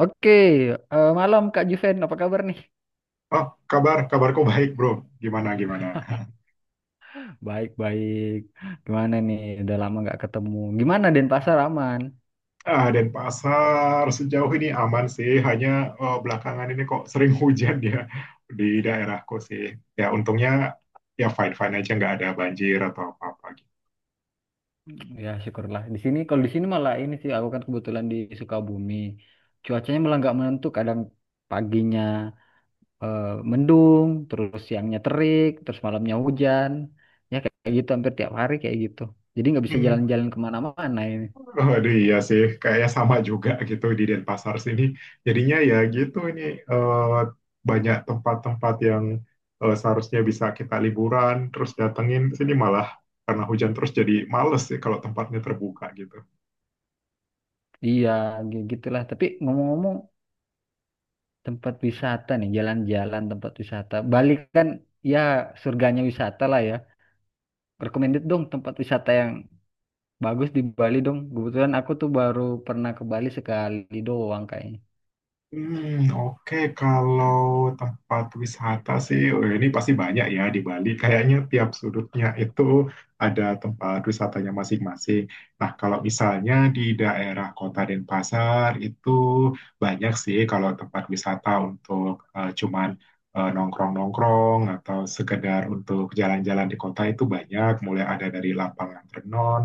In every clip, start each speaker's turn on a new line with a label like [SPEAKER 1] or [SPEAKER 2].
[SPEAKER 1] Oke, malam Kak Juven, apa kabar nih?
[SPEAKER 2] Oh, kabarku baik, bro. Gimana, gimana?
[SPEAKER 1] Baik-baik. Gimana nih? Udah lama nggak ketemu. Gimana Denpasar aman?
[SPEAKER 2] Ah, Denpasar sejauh ini aman sih, hanya belakangan ini kok sering hujan ya di daerahku sih. Ya, untungnya ya fine-fine aja, nggak ada banjir atau apa-apa gitu.
[SPEAKER 1] Ya syukurlah. Di sini kalau di sini malah ini sih aku kan kebetulan di Sukabumi. Cuacanya malah nggak menentu. Kadang paginya eh, mendung, terus siangnya terik, terus malamnya hujan. Ya kayak kayak gitu hampir tiap hari kayak gitu. Jadi nggak bisa
[SPEAKER 2] Hmm.
[SPEAKER 1] jalan-jalan kemana-mana ini.
[SPEAKER 2] Aduh, iya sih, kayaknya sama juga gitu di Denpasar sini. Jadinya ya gitu ini eh, banyak tempat-tempat yang seharusnya bisa kita liburan, terus datengin sini malah karena hujan terus jadi males sih kalau tempatnya terbuka gitu.
[SPEAKER 1] Iya, gitulah. Tapi ngomong-ngomong, tempat wisata nih, jalan-jalan tempat wisata. Bali kan ya surganya wisata lah ya. Recommended dong tempat wisata yang bagus di Bali dong. Kebetulan aku tuh baru pernah ke Bali sekali doang kayaknya.
[SPEAKER 2] Hmm, oke. Kalau tempat wisata sih, oh, ini pasti banyak ya di Bali. Kayaknya tiap sudutnya itu ada tempat wisatanya masing-masing. Nah, kalau misalnya di daerah Kota Denpasar itu banyak sih kalau tempat wisata untuk cuman nongkrong-nongkrong atau sekedar untuk jalan-jalan di kota itu banyak. Mulai ada dari lapangan renon,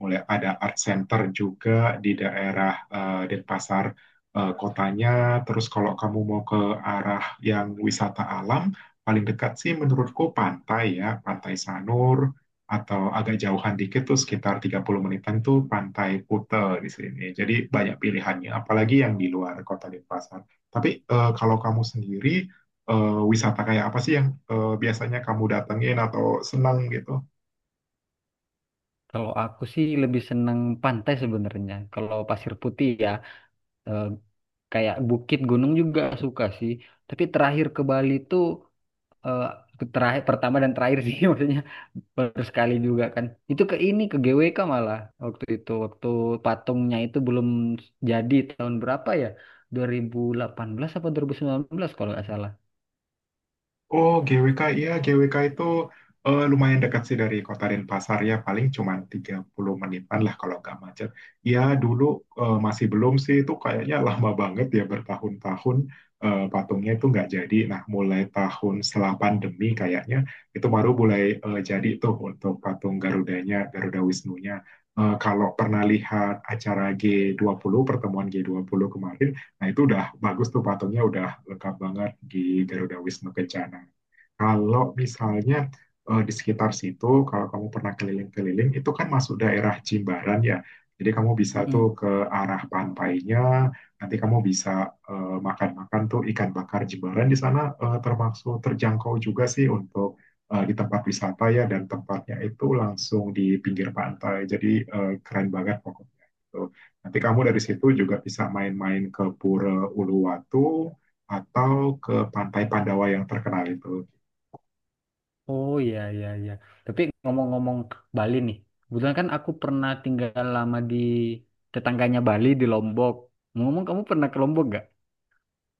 [SPEAKER 2] mulai ada art center juga di daerah Denpasar kotanya. Terus kalau kamu mau ke arah yang wisata alam, paling dekat sih menurutku pantai ya, Pantai Sanur atau agak jauhan dikit tuh sekitar 30 menitan tuh Pantai Kute di sini. Jadi banyak pilihannya, apalagi yang di luar kota Denpasar. Tapi kalau kamu sendiri wisata kayak apa sih yang biasanya kamu datengin atau senang gitu?
[SPEAKER 1] Kalau aku sih lebih seneng pantai sebenarnya. Kalau pasir putih ya, eh, kayak bukit gunung juga suka sih. Tapi terakhir ke Bali tuh eh, terakhir pertama dan terakhir sih maksudnya baru sekali juga kan, itu ke ini ke GWK malah. Waktu itu waktu patungnya itu belum jadi, tahun berapa ya, 2018 apa 2019 kalau nggak salah.
[SPEAKER 2] Oh, GWK, iya GWK itu lumayan dekat sih dari kota Denpasar ya, paling cuma 30 menitan lah kalau nggak macet. Ya dulu masih belum sih, itu kayaknya lama banget ya bertahun-tahun patungnya itu nggak jadi. Nah, mulai tahun setelah pandemi kayaknya itu baru mulai jadi tuh untuk patung Garudanya, Garuda Wisnunya. Kalau pernah lihat acara G20 pertemuan G20 kemarin, nah, itu udah bagus tuh patungnya udah lengkap banget di Garuda Wisnu Kencana. Kalau misalnya di sekitar situ, kalau kamu pernah keliling-keliling, itu kan masuk daerah Jimbaran ya. Jadi kamu bisa tuh
[SPEAKER 1] Mm-mm.
[SPEAKER 2] ke arah pantainya, nanti kamu bisa makan-makan tuh ikan bakar Jimbaran di sana termasuk terjangkau juga sih untuk di tempat wisata ya dan tempatnya itu langsung di pinggir pantai. Jadi keren banget pokoknya. Gitu. Nanti kamu dari situ juga bisa main-main ke Pura Uluwatu atau ke Pantai Pandawa yang terkenal itu.
[SPEAKER 1] Oh, iya, iya, iya, tapi ngomong-ngomong Bali nih, kebetulan kan aku pernah tinggal lama di tetangganya Bali, di Lombok. Ngomong, kamu pernah ke Lombok?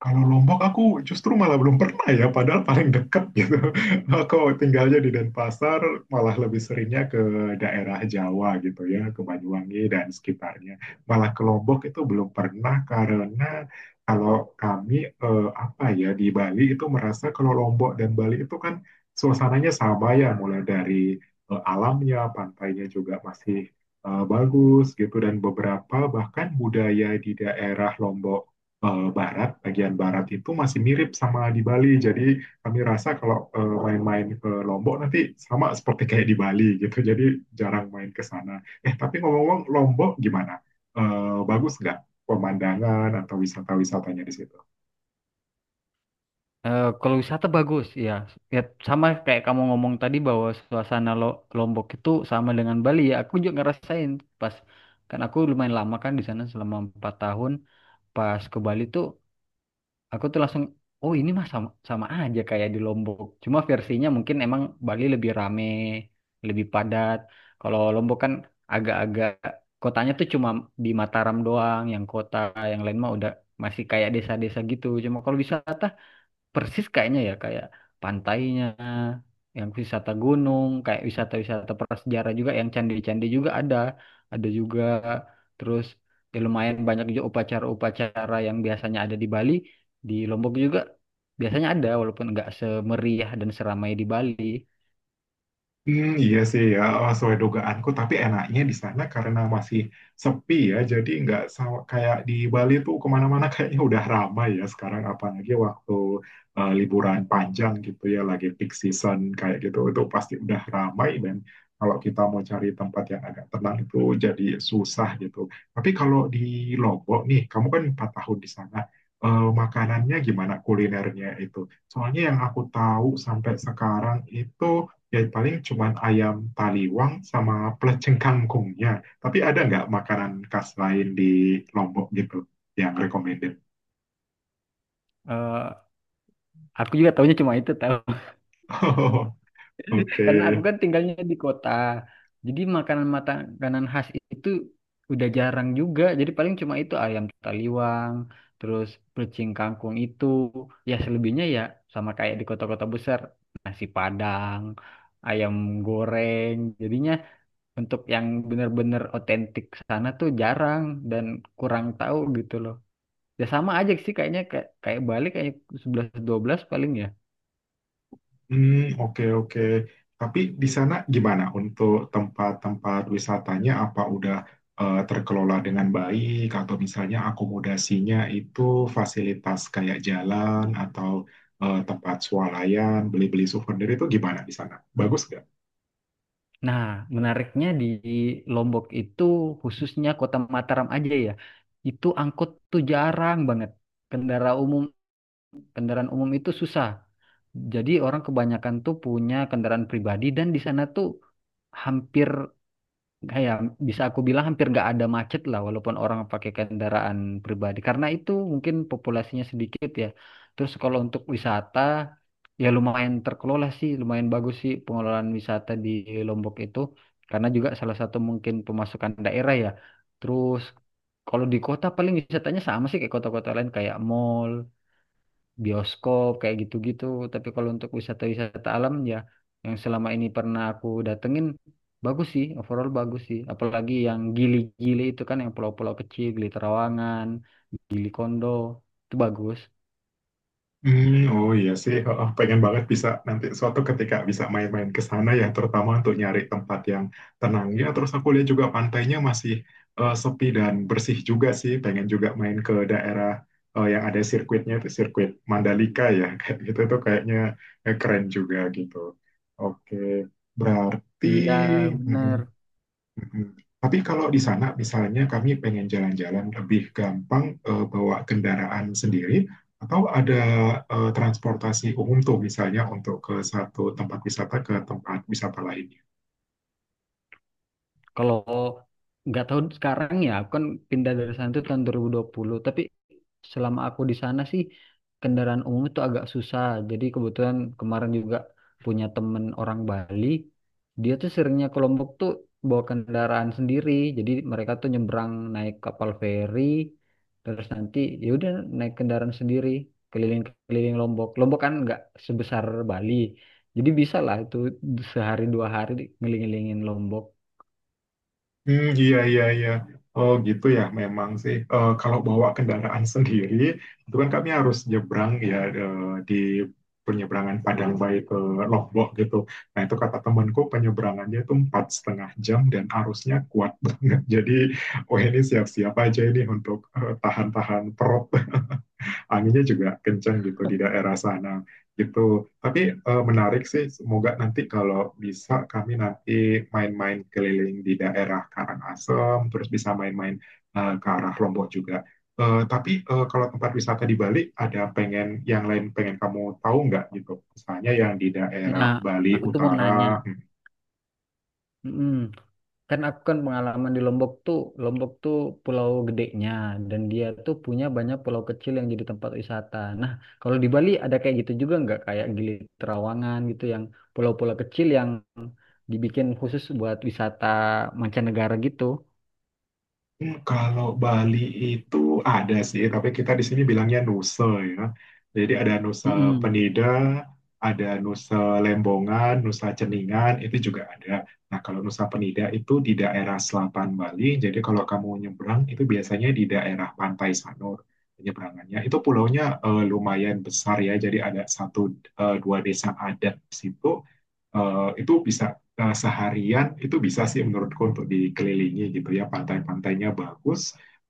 [SPEAKER 2] Kalau Lombok aku justru malah belum pernah ya, padahal paling dekat gitu. Aku tinggalnya di Denpasar, malah lebih seringnya ke daerah Jawa gitu ya, ke Banyuwangi dan sekitarnya. Malah ke Lombok itu belum pernah karena kalau kami apa ya di Bali itu merasa kalau Lombok dan Bali itu kan suasananya sama ya, mulai dari alamnya, pantainya juga masih bagus gitu dan beberapa bahkan budaya di daerah Lombok barat, bagian barat itu masih mirip sama di Bali. Jadi kami rasa kalau main-main ke Lombok nanti sama seperti kayak di Bali gitu. Jadi jarang main ke sana. Tapi ngomong-ngomong Lombok gimana? Bagus nggak pemandangan atau wisata-wisatanya di situ?
[SPEAKER 1] Kalau wisata bagus, ya. Ya sama kayak kamu ngomong tadi bahwa suasana Lombok itu sama dengan Bali ya. Aku juga ngerasain pas, kan aku lumayan lama kan di sana selama 4 tahun. Pas ke Bali tuh aku tuh langsung, oh ini mah sama sama aja kayak di Lombok. Cuma versinya mungkin emang Bali lebih rame, lebih padat. Kalau Lombok kan agak-agak, kotanya tuh cuma di Mataram doang, yang kota yang lain mah udah masih kayak desa-desa gitu. Cuma kalau wisata persis kayaknya ya, kayak pantainya, yang wisata gunung, kayak wisata-wisata prasejarah juga, yang candi-candi juga ada juga. Terus ya lumayan banyak juga upacara-upacara yang biasanya ada di Bali, di Lombok juga biasanya ada walaupun nggak semeriah dan seramai di Bali.
[SPEAKER 2] Hmm, iya sih ya, oh, sesuai dugaanku. Tapi enaknya di sana karena masih sepi ya, jadi nggak sama kayak di Bali tuh kemana-mana kayaknya udah ramai ya sekarang. Apalagi waktu liburan panjang gitu ya, lagi peak season kayak gitu, itu pasti udah ramai dan kalau kita mau cari tempat yang agak tenang itu jadi susah gitu. Tapi kalau di Lombok nih, kamu kan 4 tahun di sana. Makanannya gimana kulinernya itu? Soalnya yang aku tahu sampai sekarang itu ya paling cuman ayam taliwang sama pelecing kangkungnya. Tapi ada nggak makanan khas lain di Lombok gitu yang recommended?
[SPEAKER 1] Eh, aku juga tahunya cuma itu, tahu.
[SPEAKER 2] Oke.
[SPEAKER 1] Karena aku kan tinggalnya di kota. Jadi makanan makanan khas itu udah jarang juga. Jadi paling cuma itu ayam taliwang, terus pecing kangkung itu. Ya selebihnya ya sama kayak di kota-kota besar, nasi Padang, ayam goreng. Jadinya untuk yang bener-bener otentik sana tuh jarang dan kurang tahu gitu loh. Ya sama aja sih kayaknya, kayak kayak Bali, kayak 11 12 paling ya.
[SPEAKER 2] Hmm, oke, oke. Tapi di sana gimana untuk tempat-tempat wisatanya? Apa udah terkelola dengan baik atau misalnya akomodasinya itu fasilitas kayak jalan atau tempat swalayan, beli-beli souvenir itu gimana di sana? Bagus.
[SPEAKER 1] Nah, menariknya di Lombok itu, khususnya Kota Mataram aja ya. Itu angkot tuh jarang banget. Kendaraan umum, kendaraan umum itu susah. Jadi orang kebanyakan tuh punya kendaraan pribadi, dan di sana tuh hampir, kayak, bisa aku bilang hampir nggak ada macet lah walaupun orang pakai kendaraan pribadi, karena itu mungkin populasinya sedikit ya. Terus kalau untuk wisata ya lumayan terkelola sih, lumayan bagus sih pengelolaan wisata di Lombok itu, karena juga salah satu mungkin pemasukan daerah ya. Terus kalau di kota paling wisatanya sama sih kayak kota-kota lain, kayak mall, bioskop, kayak gitu-gitu. Tapi kalau untuk wisata-wisata alam ya, yang selama ini pernah aku datengin bagus sih, overall bagus sih. Apalagi yang Gili-Gili itu kan, yang pulau-pulau kecil, Gili Trawangan, Gili Kondo itu bagus.
[SPEAKER 2] Hmm, oh iya sih, oh, oh, pengen banget bisa nanti suatu ketika bisa main-main ke sana ya, terutama untuk nyari tempat yang tenang ya. Terus aku lihat juga pantainya masih sepi dan bersih juga sih. Pengen juga main ke daerah yang ada sirkuitnya itu sirkuit Mandalika ya, kayak gitu tuh kayaknya keren juga gitu. Oke, berarti.
[SPEAKER 1] Dia bener.
[SPEAKER 2] Mm-mm. Tapi kalau di sana, misalnya kami pengen jalan-jalan lebih gampang bawa kendaraan sendiri, atau ada transportasi umum tuh misalnya untuk ke satu tempat wisata ke tempat wisata lain.
[SPEAKER 1] Kalau nggak tahu sekarang ya, aku kan pindah dari sana itu tahun 2020. Tapi selama aku di sana sih kendaraan umum itu agak susah. Jadi kebetulan kemarin juga punya temen orang Bali, dia tuh seringnya ke Lombok tuh bawa kendaraan sendiri. Jadi mereka tuh nyebrang naik kapal feri, terus nanti ya udah naik kendaraan sendiri keliling-keliling Lombok. Lombok kan nggak sebesar Bali, jadi bisa lah itu sehari 2 hari ngelilingin Lombok.
[SPEAKER 2] Hmm, iya, iya, iya. Oh, gitu ya, memang sih. Kalau bawa kendaraan sendiri, itu kan kami harus nyebrang ya di penyeberangan Padang Bayi ke Lombok gitu. Nah, itu kata temanku penyeberangannya itu 4,5 jam dan arusnya kuat banget. Jadi, oh ini siap-siap aja ini untuk tahan-tahan perut anginnya juga kencang gitu di daerah sana gitu. Tapi menarik sih, semoga nanti kalau bisa kami nanti main-main keliling di daerah Karangasem, terus bisa main-main ke arah Lombok juga. Tapi kalau tempat wisata di Bali ada pengen yang lain pengen kamu tahu nggak gitu? Misalnya yang di daerah
[SPEAKER 1] Nah,
[SPEAKER 2] Bali
[SPEAKER 1] aku tuh mau nanya.
[SPEAKER 2] Utara.
[SPEAKER 1] Mm-mm. Kan aku kan pengalaman di Lombok tuh pulau gedenya, dan dia tuh punya banyak pulau kecil yang jadi tempat wisata. Nah, kalau di Bali ada kayak gitu juga nggak? Kayak Gili Trawangan gitu, yang pulau-pulau kecil yang dibikin khusus buat wisata mancanegara gitu.
[SPEAKER 2] Hmm, kalau Bali itu ada sih, tapi kita di sini bilangnya Nusa ya. Jadi ada Nusa
[SPEAKER 1] Mm-mm.
[SPEAKER 2] Penida, ada Nusa Lembongan, Nusa Ceningan, itu juga ada. Nah, kalau Nusa Penida itu di daerah selatan Bali, jadi kalau kamu nyebrang itu biasanya di daerah Pantai Sanur penyeberangannya. Itu pulaunya lumayan besar ya, jadi ada satu dua desa adat di situ itu bisa seharian itu bisa sih menurutku untuk dikelilingi gitu ya pantai-pantainya bagus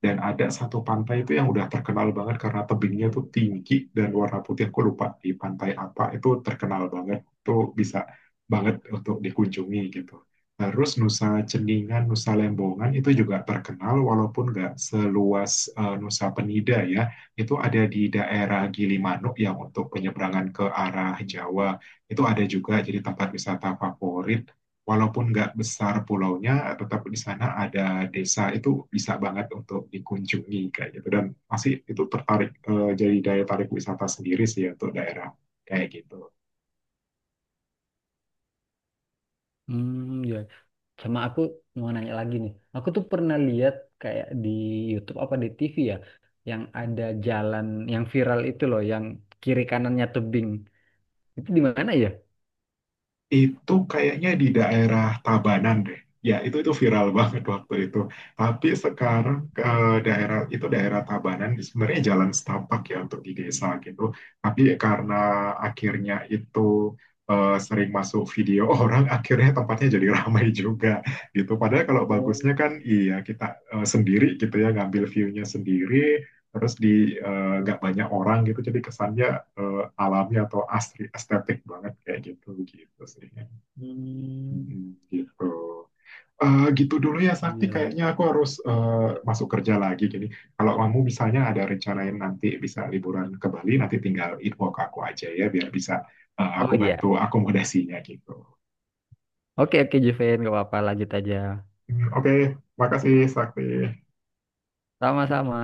[SPEAKER 2] dan ada satu pantai itu yang udah terkenal banget karena tebingnya tuh tinggi dan warna putih aku lupa di pantai apa itu terkenal banget itu bisa banget untuk dikunjungi gitu. Terus Nusa Ceningan Nusa Lembongan itu juga terkenal walaupun nggak seluas Nusa Penida ya itu ada di daerah Gilimanuk yang untuk penyeberangan ke arah Jawa itu ada juga jadi tempat wisata favorit. Walaupun nggak besar pulaunya, tetap di sana ada desa itu bisa banget untuk dikunjungi kayak gitu. Dan masih itu tertarik jadi daya tarik wisata sendiri sih ya untuk daerah kayak gitu.
[SPEAKER 1] Hmm, ya. Sama aku mau nanya lagi nih. Aku tuh pernah lihat kayak di YouTube apa di TV ya, yang ada jalan yang viral itu loh, yang kiri kanannya tebing. Itu di mana ya?
[SPEAKER 2] Itu kayaknya di daerah Tabanan deh. Ya, itu viral banget waktu itu. Tapi sekarang ke daerah itu daerah Tabanan sebenarnya jalan setapak ya untuk di desa gitu. Tapi karena akhirnya itu sering masuk video orang, akhirnya tempatnya jadi ramai juga gitu. Padahal kalau
[SPEAKER 1] Oh,
[SPEAKER 2] bagusnya kan iya kita sendiri gitu ya ngambil view-nya sendiri, terus di nggak banyak orang gitu. Jadi kesannya alami atau asri estetik banget kayak gitu gitu sih.
[SPEAKER 1] hmm,
[SPEAKER 2] Mhm, gitu. Gitu dulu ya Sakti
[SPEAKER 1] iya. Iya.
[SPEAKER 2] kayaknya aku harus masuk kerja lagi jadi kalau kamu misalnya ada rencanain nanti bisa liburan ke Bali nanti tinggal info ke aku aja ya biar bisa
[SPEAKER 1] Oh
[SPEAKER 2] aku
[SPEAKER 1] iya.
[SPEAKER 2] bantu akomodasinya gitu.
[SPEAKER 1] Oke, oke Juven, gak apa-apa, lanjut aja.
[SPEAKER 2] Hmm, oke, makasih Sakti.
[SPEAKER 1] Sama-sama.